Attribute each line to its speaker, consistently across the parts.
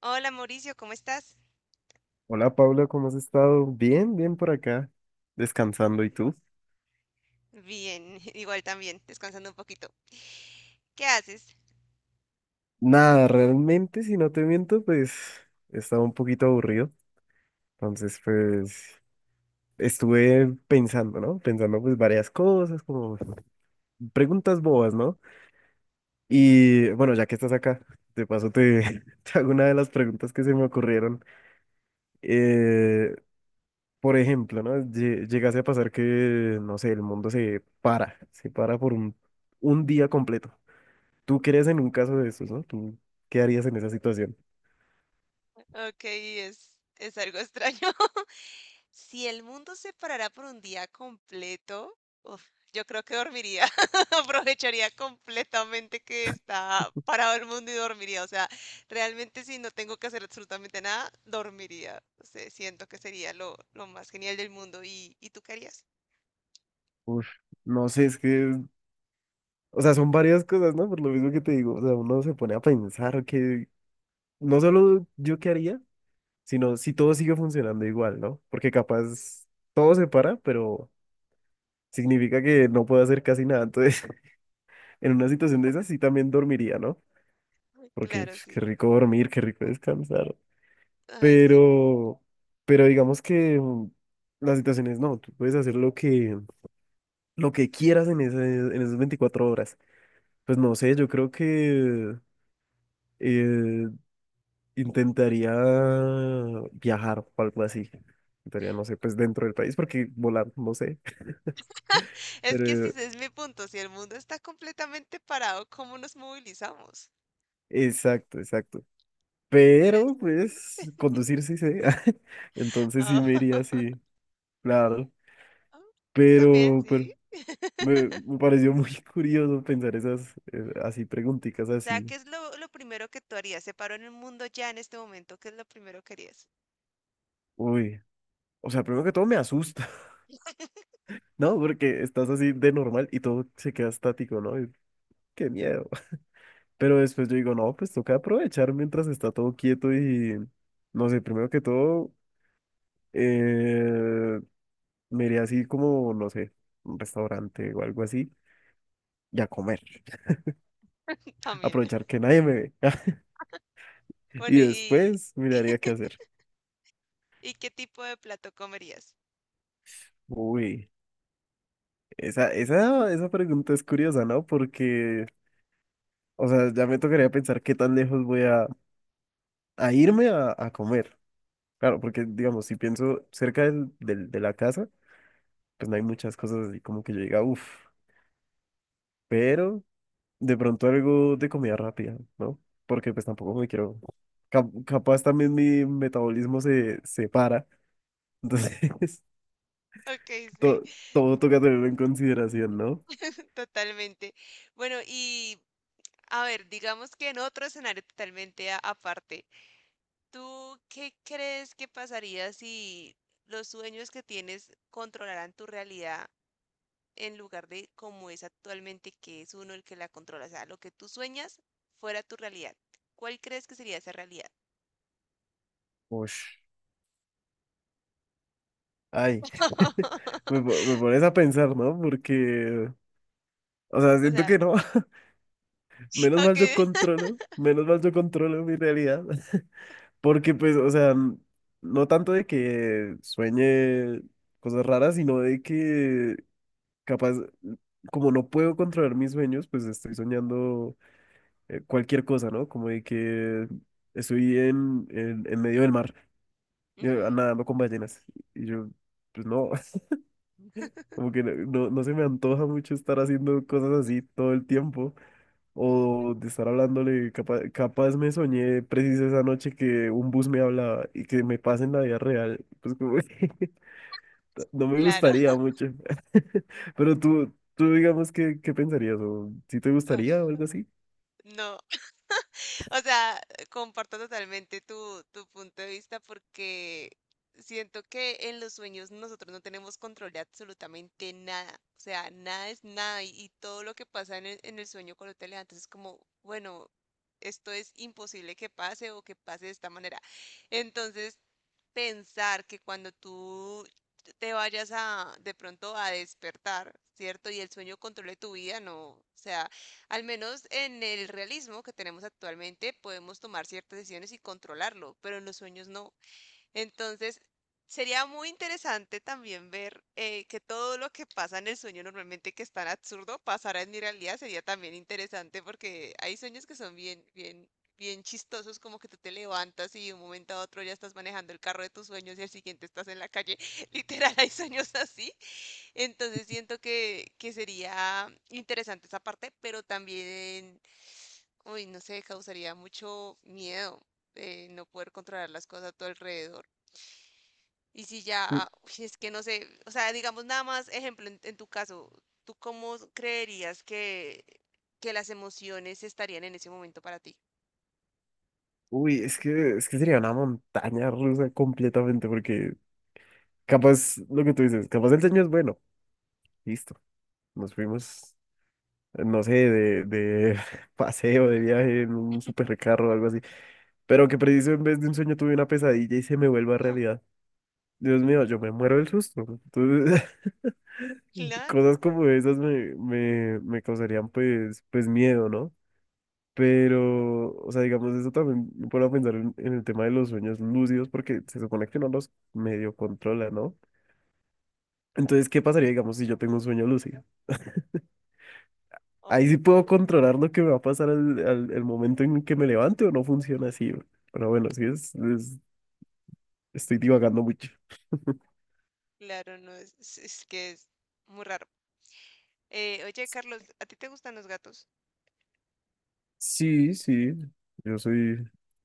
Speaker 1: Hola Mauricio, ¿cómo estás?
Speaker 2: Hola Pablo, ¿cómo has estado? Bien, bien por acá, descansando. ¿Y tú?
Speaker 1: Bien, igual también, descansando un poquito. ¿Qué haces?
Speaker 2: Nada, realmente, si no te miento, pues estaba un poquito aburrido. Entonces, pues estuve pensando, ¿no? Pensando pues varias cosas, como preguntas bobas, ¿no? Y bueno, ya que estás acá, de paso te, te hago una de las preguntas que se me ocurrieron. Eh, por ejemplo, ¿no? ¿Llegase a pasar que, no sé, el mundo se para, se para por un día completo? ¿Tú crees en un caso de esos, no? ¿Tú qué harías en esa situación?
Speaker 1: Ok, es algo extraño. Si el mundo se parara por un día completo, uf, yo creo que dormiría. Aprovecharía completamente que está parado el mundo y dormiría. O sea, realmente si no tengo que hacer absolutamente nada, dormiría. O sea, siento que sería lo más genial del mundo. Y tú qué harías?
Speaker 2: Uf, no sé, es que, o sea, son varias cosas, ¿no? Por lo mismo que te digo, o sea, uno se pone a pensar que no solo yo qué haría, sino si todo sigue funcionando igual, ¿no? Porque capaz todo se para, pero significa que no puedo hacer casi nada. Entonces, en una situación de esas sí también dormiría, ¿no? Porque
Speaker 1: Claro,
Speaker 2: pf, qué
Speaker 1: sí.
Speaker 2: rico dormir, qué rico descansar.
Speaker 1: Ay, sí.
Speaker 2: Pero, pero digamos que las situaciones no, tú puedes hacer lo que quieras en en esas 24 horas. Pues no sé, yo creo que eh, intentaría viajar o algo así. Intentaría, no sé, pues dentro del país, porque volar, no sé.
Speaker 1: Es que ese
Speaker 2: Pero,
Speaker 1: es mi punto, si el mundo está completamente parado, ¿cómo nos movilizamos?
Speaker 2: exacto, exacto. Pero,
Speaker 1: Interesante.
Speaker 2: pues, conducir sí sé. Entonces sí
Speaker 1: Ah,
Speaker 2: me iría así, claro.
Speaker 1: ah, también,
Speaker 2: Pero
Speaker 1: sí.
Speaker 2: me pareció muy curioso pensar esas, así, preguntitas
Speaker 1: O sea,
Speaker 2: así.
Speaker 1: ¿qué es lo primero que tú harías? Se paró en el mundo ya en este momento, ¿qué es lo primero que harías?
Speaker 2: Uy, o sea, primero que todo me asusta. No, porque estás así de normal y todo se queda estático, ¿no? Y, qué miedo. Pero después yo digo, no, pues toca aprovechar mientras está todo quieto y, no sé, primero que todo, eh, me iría así como, no sé, un restaurante o algo así y a comer.
Speaker 1: También.
Speaker 2: Aprovechar que nadie me ve. Y
Speaker 1: Bueno,
Speaker 2: después miraría qué hacer.
Speaker 1: y qué tipo de plato comerías?
Speaker 2: Uy, esa pregunta es curiosa, ¿no? Porque, o sea, ya me tocaría pensar qué tan lejos a irme a comer. Claro, porque digamos, si pienso cerca de la casa, pues no hay muchas cosas así como que yo diga, uff, pero de pronto algo de comida rápida, ¿no? Porque pues tampoco me quiero, capaz también mi metabolismo se para, entonces
Speaker 1: Ok, sí,
Speaker 2: todo toca tenerlo en consideración, ¿no?
Speaker 1: totalmente. Bueno, y a ver, digamos que en otro escenario totalmente aparte, ¿tú qué crees que pasaría si los sueños que tienes controlaran tu realidad en lugar de como es actualmente, que es uno el que la controla? O sea, lo que tú sueñas fuera tu realidad. ¿Cuál crees que sería esa realidad?
Speaker 2: Ush. Ay, me pones a pensar, ¿no? Porque, o sea,
Speaker 1: O
Speaker 2: siento
Speaker 1: sea,
Speaker 2: que no, menos mal
Speaker 1: ok,
Speaker 2: yo controlo, menos mal yo controlo mi realidad. Porque pues, o sea, no tanto de que sueñe cosas raras, sino de que capaz, como no puedo controlar mis sueños, pues estoy soñando cualquier cosa, ¿no? Como de que estoy en medio del mar, yo
Speaker 1: ujú,
Speaker 2: nadando con ballenas. Y yo, pues no, como que no, no se me antoja mucho estar haciendo cosas así todo el tiempo, o de estar hablándole, capaz, me soñé preciso esa noche que un bus me hablaba y que me pase en la vida real, pues como que no me
Speaker 1: claro.
Speaker 2: gustaría mucho. Pero tú digamos, qué pensarías? ¿O si te gustaría o
Speaker 1: Uf,
Speaker 2: algo así?
Speaker 1: no, o sea, comparto totalmente tu punto de vista porque siento que en los sueños nosotros no tenemos control de absolutamente nada. O sea, nada es nada y, y todo lo que pasa en el sueño cuando te levantas es como, bueno, esto es imposible que pase o que pase de esta manera. Entonces, pensar que cuando tú te vayas a, de pronto a despertar, ¿cierto? Y el sueño controle tu vida, no. O sea, al menos en el realismo que tenemos actualmente podemos tomar ciertas decisiones y controlarlo, pero en los sueños no. Entonces, sería muy interesante también ver que todo lo que pasa en el sueño normalmente que es tan absurdo pasará en mi realidad. Sería también interesante porque hay sueños que son bien, bien, bien chistosos, como que tú te levantas y de un momento a otro ya estás manejando el carro de tus sueños y al siguiente estás en la calle. Literal, hay sueños así. Entonces siento que sería interesante esa parte, pero también, uy, no sé, causaría mucho miedo no poder controlar las cosas a tu alrededor. Y si
Speaker 2: Eh,
Speaker 1: ya, uy, es que no sé, o sea, digamos nada más, ejemplo, en tu caso, ¿tú cómo creerías que las emociones estarían en ese momento para ti?
Speaker 2: Uy, es que sería una montaña rusa completamente, porque capaz, lo que tú dices, capaz el sueño es bueno, listo, nos fuimos, no sé, de paseo, de viaje en un supercarro o algo así. Pero que preciso en vez de un sueño tuve una pesadilla y se me vuelva
Speaker 1: Ah,
Speaker 2: realidad. Dios mío, yo me muero del susto. Entonces,
Speaker 1: claro,
Speaker 2: cosas como esas me causarían pues, pues miedo, ¿no? Pero, o sea, digamos, eso también me pone a pensar en el tema de los sueños lúcidos porque se supone que no los medio controla, ¿no? Entonces, ¿qué pasaría, digamos, si yo tengo un sueño lúcido?
Speaker 1: oh,
Speaker 2: Ahí sí puedo controlar lo que me va a pasar el momento en que me levante o no funciona así. Pero bueno, estoy divagando mucho.
Speaker 1: claro, no es que es muy raro. Oye, Carlos, ¿a ti te gustan los gatos?
Speaker 2: Sí, sí, yo soy...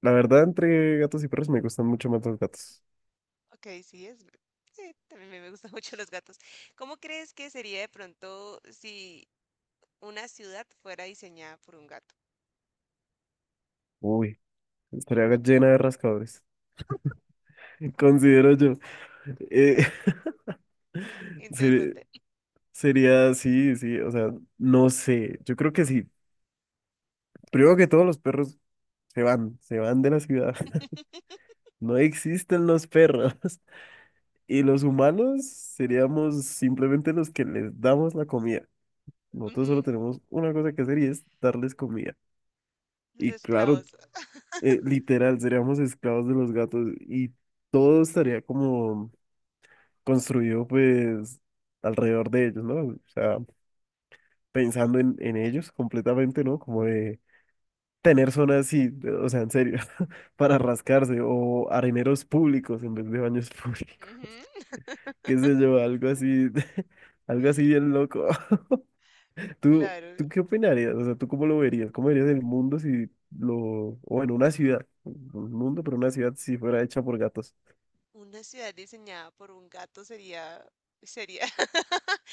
Speaker 2: La verdad, entre gatos y perros me gustan mucho más los gatos.
Speaker 1: Ok, sí, es... sí, también me gustan mucho los gatos. ¿Cómo crees que sería de pronto si una ciudad fuera diseñada por un gato?
Speaker 2: Uy, estaría llena de rascadores. Considero yo. Eh, ser-
Speaker 1: Interesante.
Speaker 2: sería, sí, sí, o sea, no sé, yo creo que sí. Primero que todos los perros se van de la ciudad. No existen los perros. Y los humanos seríamos simplemente los que les damos la comida. Nosotros
Speaker 1: Ujú,
Speaker 2: solo tenemos una cosa que hacer y es darles comida.
Speaker 1: los
Speaker 2: Y claro,
Speaker 1: esclavos.
Speaker 2: literal, seríamos esclavos de los gatos y todo estaría como construido pues alrededor de ellos, ¿no? O sea, pensando en ellos completamente, ¿no? Como de tener zonas así, de- o sea, en serio, para rascarse o areneros públicos en vez de baños públicos,
Speaker 1: Ujú,
Speaker 2: qué sé yo, algo así, algo así bien loco. ¿Tú,
Speaker 1: claro,
Speaker 2: tú qué opinarías? O sea, ¿tú cómo lo verías? ¿Cómo verías el mundo si lo, o en una ciudad, un mundo, pero una ciudad si fuera hecha por gatos?
Speaker 1: una ciudad diseñada por un gato sería... sería...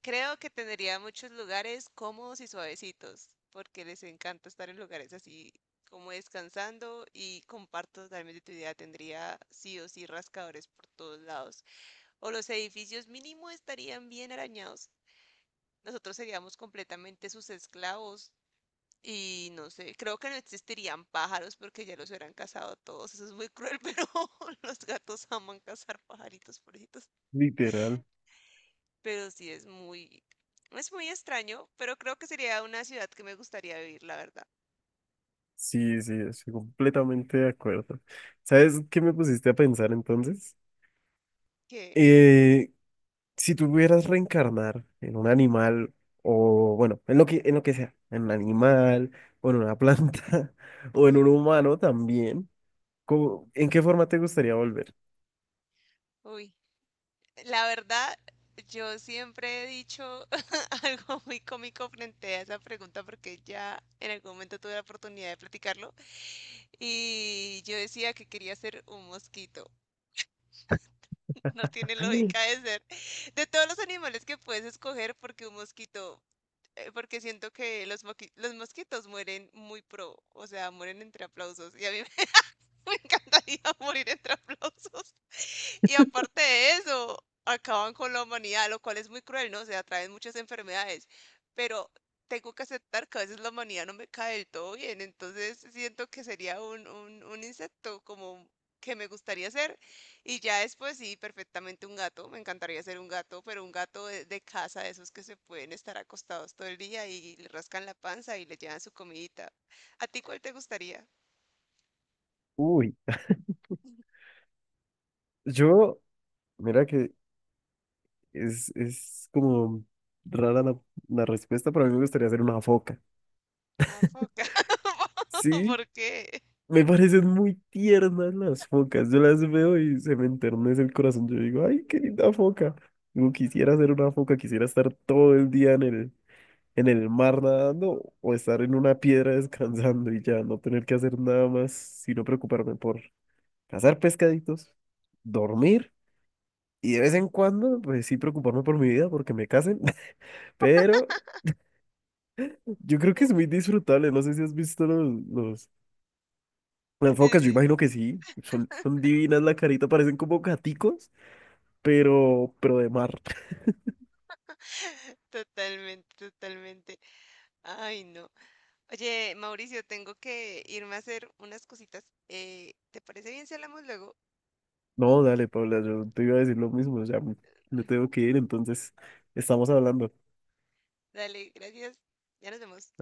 Speaker 1: Creo que tendría muchos lugares cómodos y suavecitos, porque les encanta estar en lugares así como descansando y comparto totalmente tu idea, tendría sí o sí rascadores por todos lados. O los edificios mínimo estarían bien arañados. Nosotros seríamos completamente sus esclavos y no sé, creo que no existirían pájaros porque ya los hubieran cazado todos. Eso es muy cruel, pero los gatos aman cazar pajaritos, pobrecitos.
Speaker 2: Literal.
Speaker 1: Pero sí es muy extraño, pero creo que sería una ciudad que me gustaría vivir, la verdad.
Speaker 2: Sí, sí, estoy completamente de acuerdo. ¿Sabes qué me pusiste a pensar entonces?
Speaker 1: Que,
Speaker 2: Eh, si tuvieras reencarnar en un animal o, bueno, en lo que sea, en un animal o en una planta o en un humano también, ¿cómo- ¿en qué forma te gustaría volver?
Speaker 1: uy, la verdad, yo siempre he dicho algo muy cómico frente a esa pregunta porque ya en algún momento tuve la oportunidad de platicarlo. Y yo decía que quería ser un mosquito. No tiene lógica de ser. De todos los animales que puedes escoger, porque un mosquito, porque siento que los, los mosquitos mueren muy pro, o sea, mueren entre aplausos. Y a mí me encantaría morir entre aplausos. Y aparte de eso, acaban con la humanidad, lo cual es muy cruel, ¿no? O sea, traen muchas enfermedades, pero tengo que aceptar que a veces la humanidad no me cae del todo bien, entonces siento que sería un insecto como que me gustaría ser. Y ya después sí, perfectamente un gato, me encantaría ser un gato, pero un gato de casa, de esos que se pueden estar acostados todo el día y le rascan la panza y le llevan su comidita. ¿A ti cuál te gustaría?
Speaker 2: Uy, yo, mira que es como rara la, la respuesta, pero a mí me gustaría ser una foca.
Speaker 1: Una foca.
Speaker 2: Sí,
Speaker 1: ¿Por qué?
Speaker 2: me parecen muy tiernas las focas. Yo las veo y se me enternece el corazón. Yo digo, ay, qué linda foca. Digo, quisiera ser una foca, quisiera estar todo el día en el mar nadando o estar en una piedra descansando y ya no tener que hacer nada más, sino preocuparme por cazar pescaditos, dormir y de vez en cuando, pues sí, preocuparme por mi vida porque me casen. Pero yo creo que es muy disfrutable. No sé si has visto los, las
Speaker 1: Sí,
Speaker 2: focas, yo
Speaker 1: sí.
Speaker 2: imagino que sí. Son, son divinas la carita, parecen como gaticos, pero de mar.
Speaker 1: Totalmente, totalmente. Ay, no. Oye, Mauricio, tengo que irme a hacer unas cositas. ¿Te parece bien si hablamos luego?
Speaker 2: No, dale, Paula, yo te iba a decir lo mismo. Ya me tengo que ir, entonces estamos hablando.
Speaker 1: Dale, gracias. Ya nos vemos.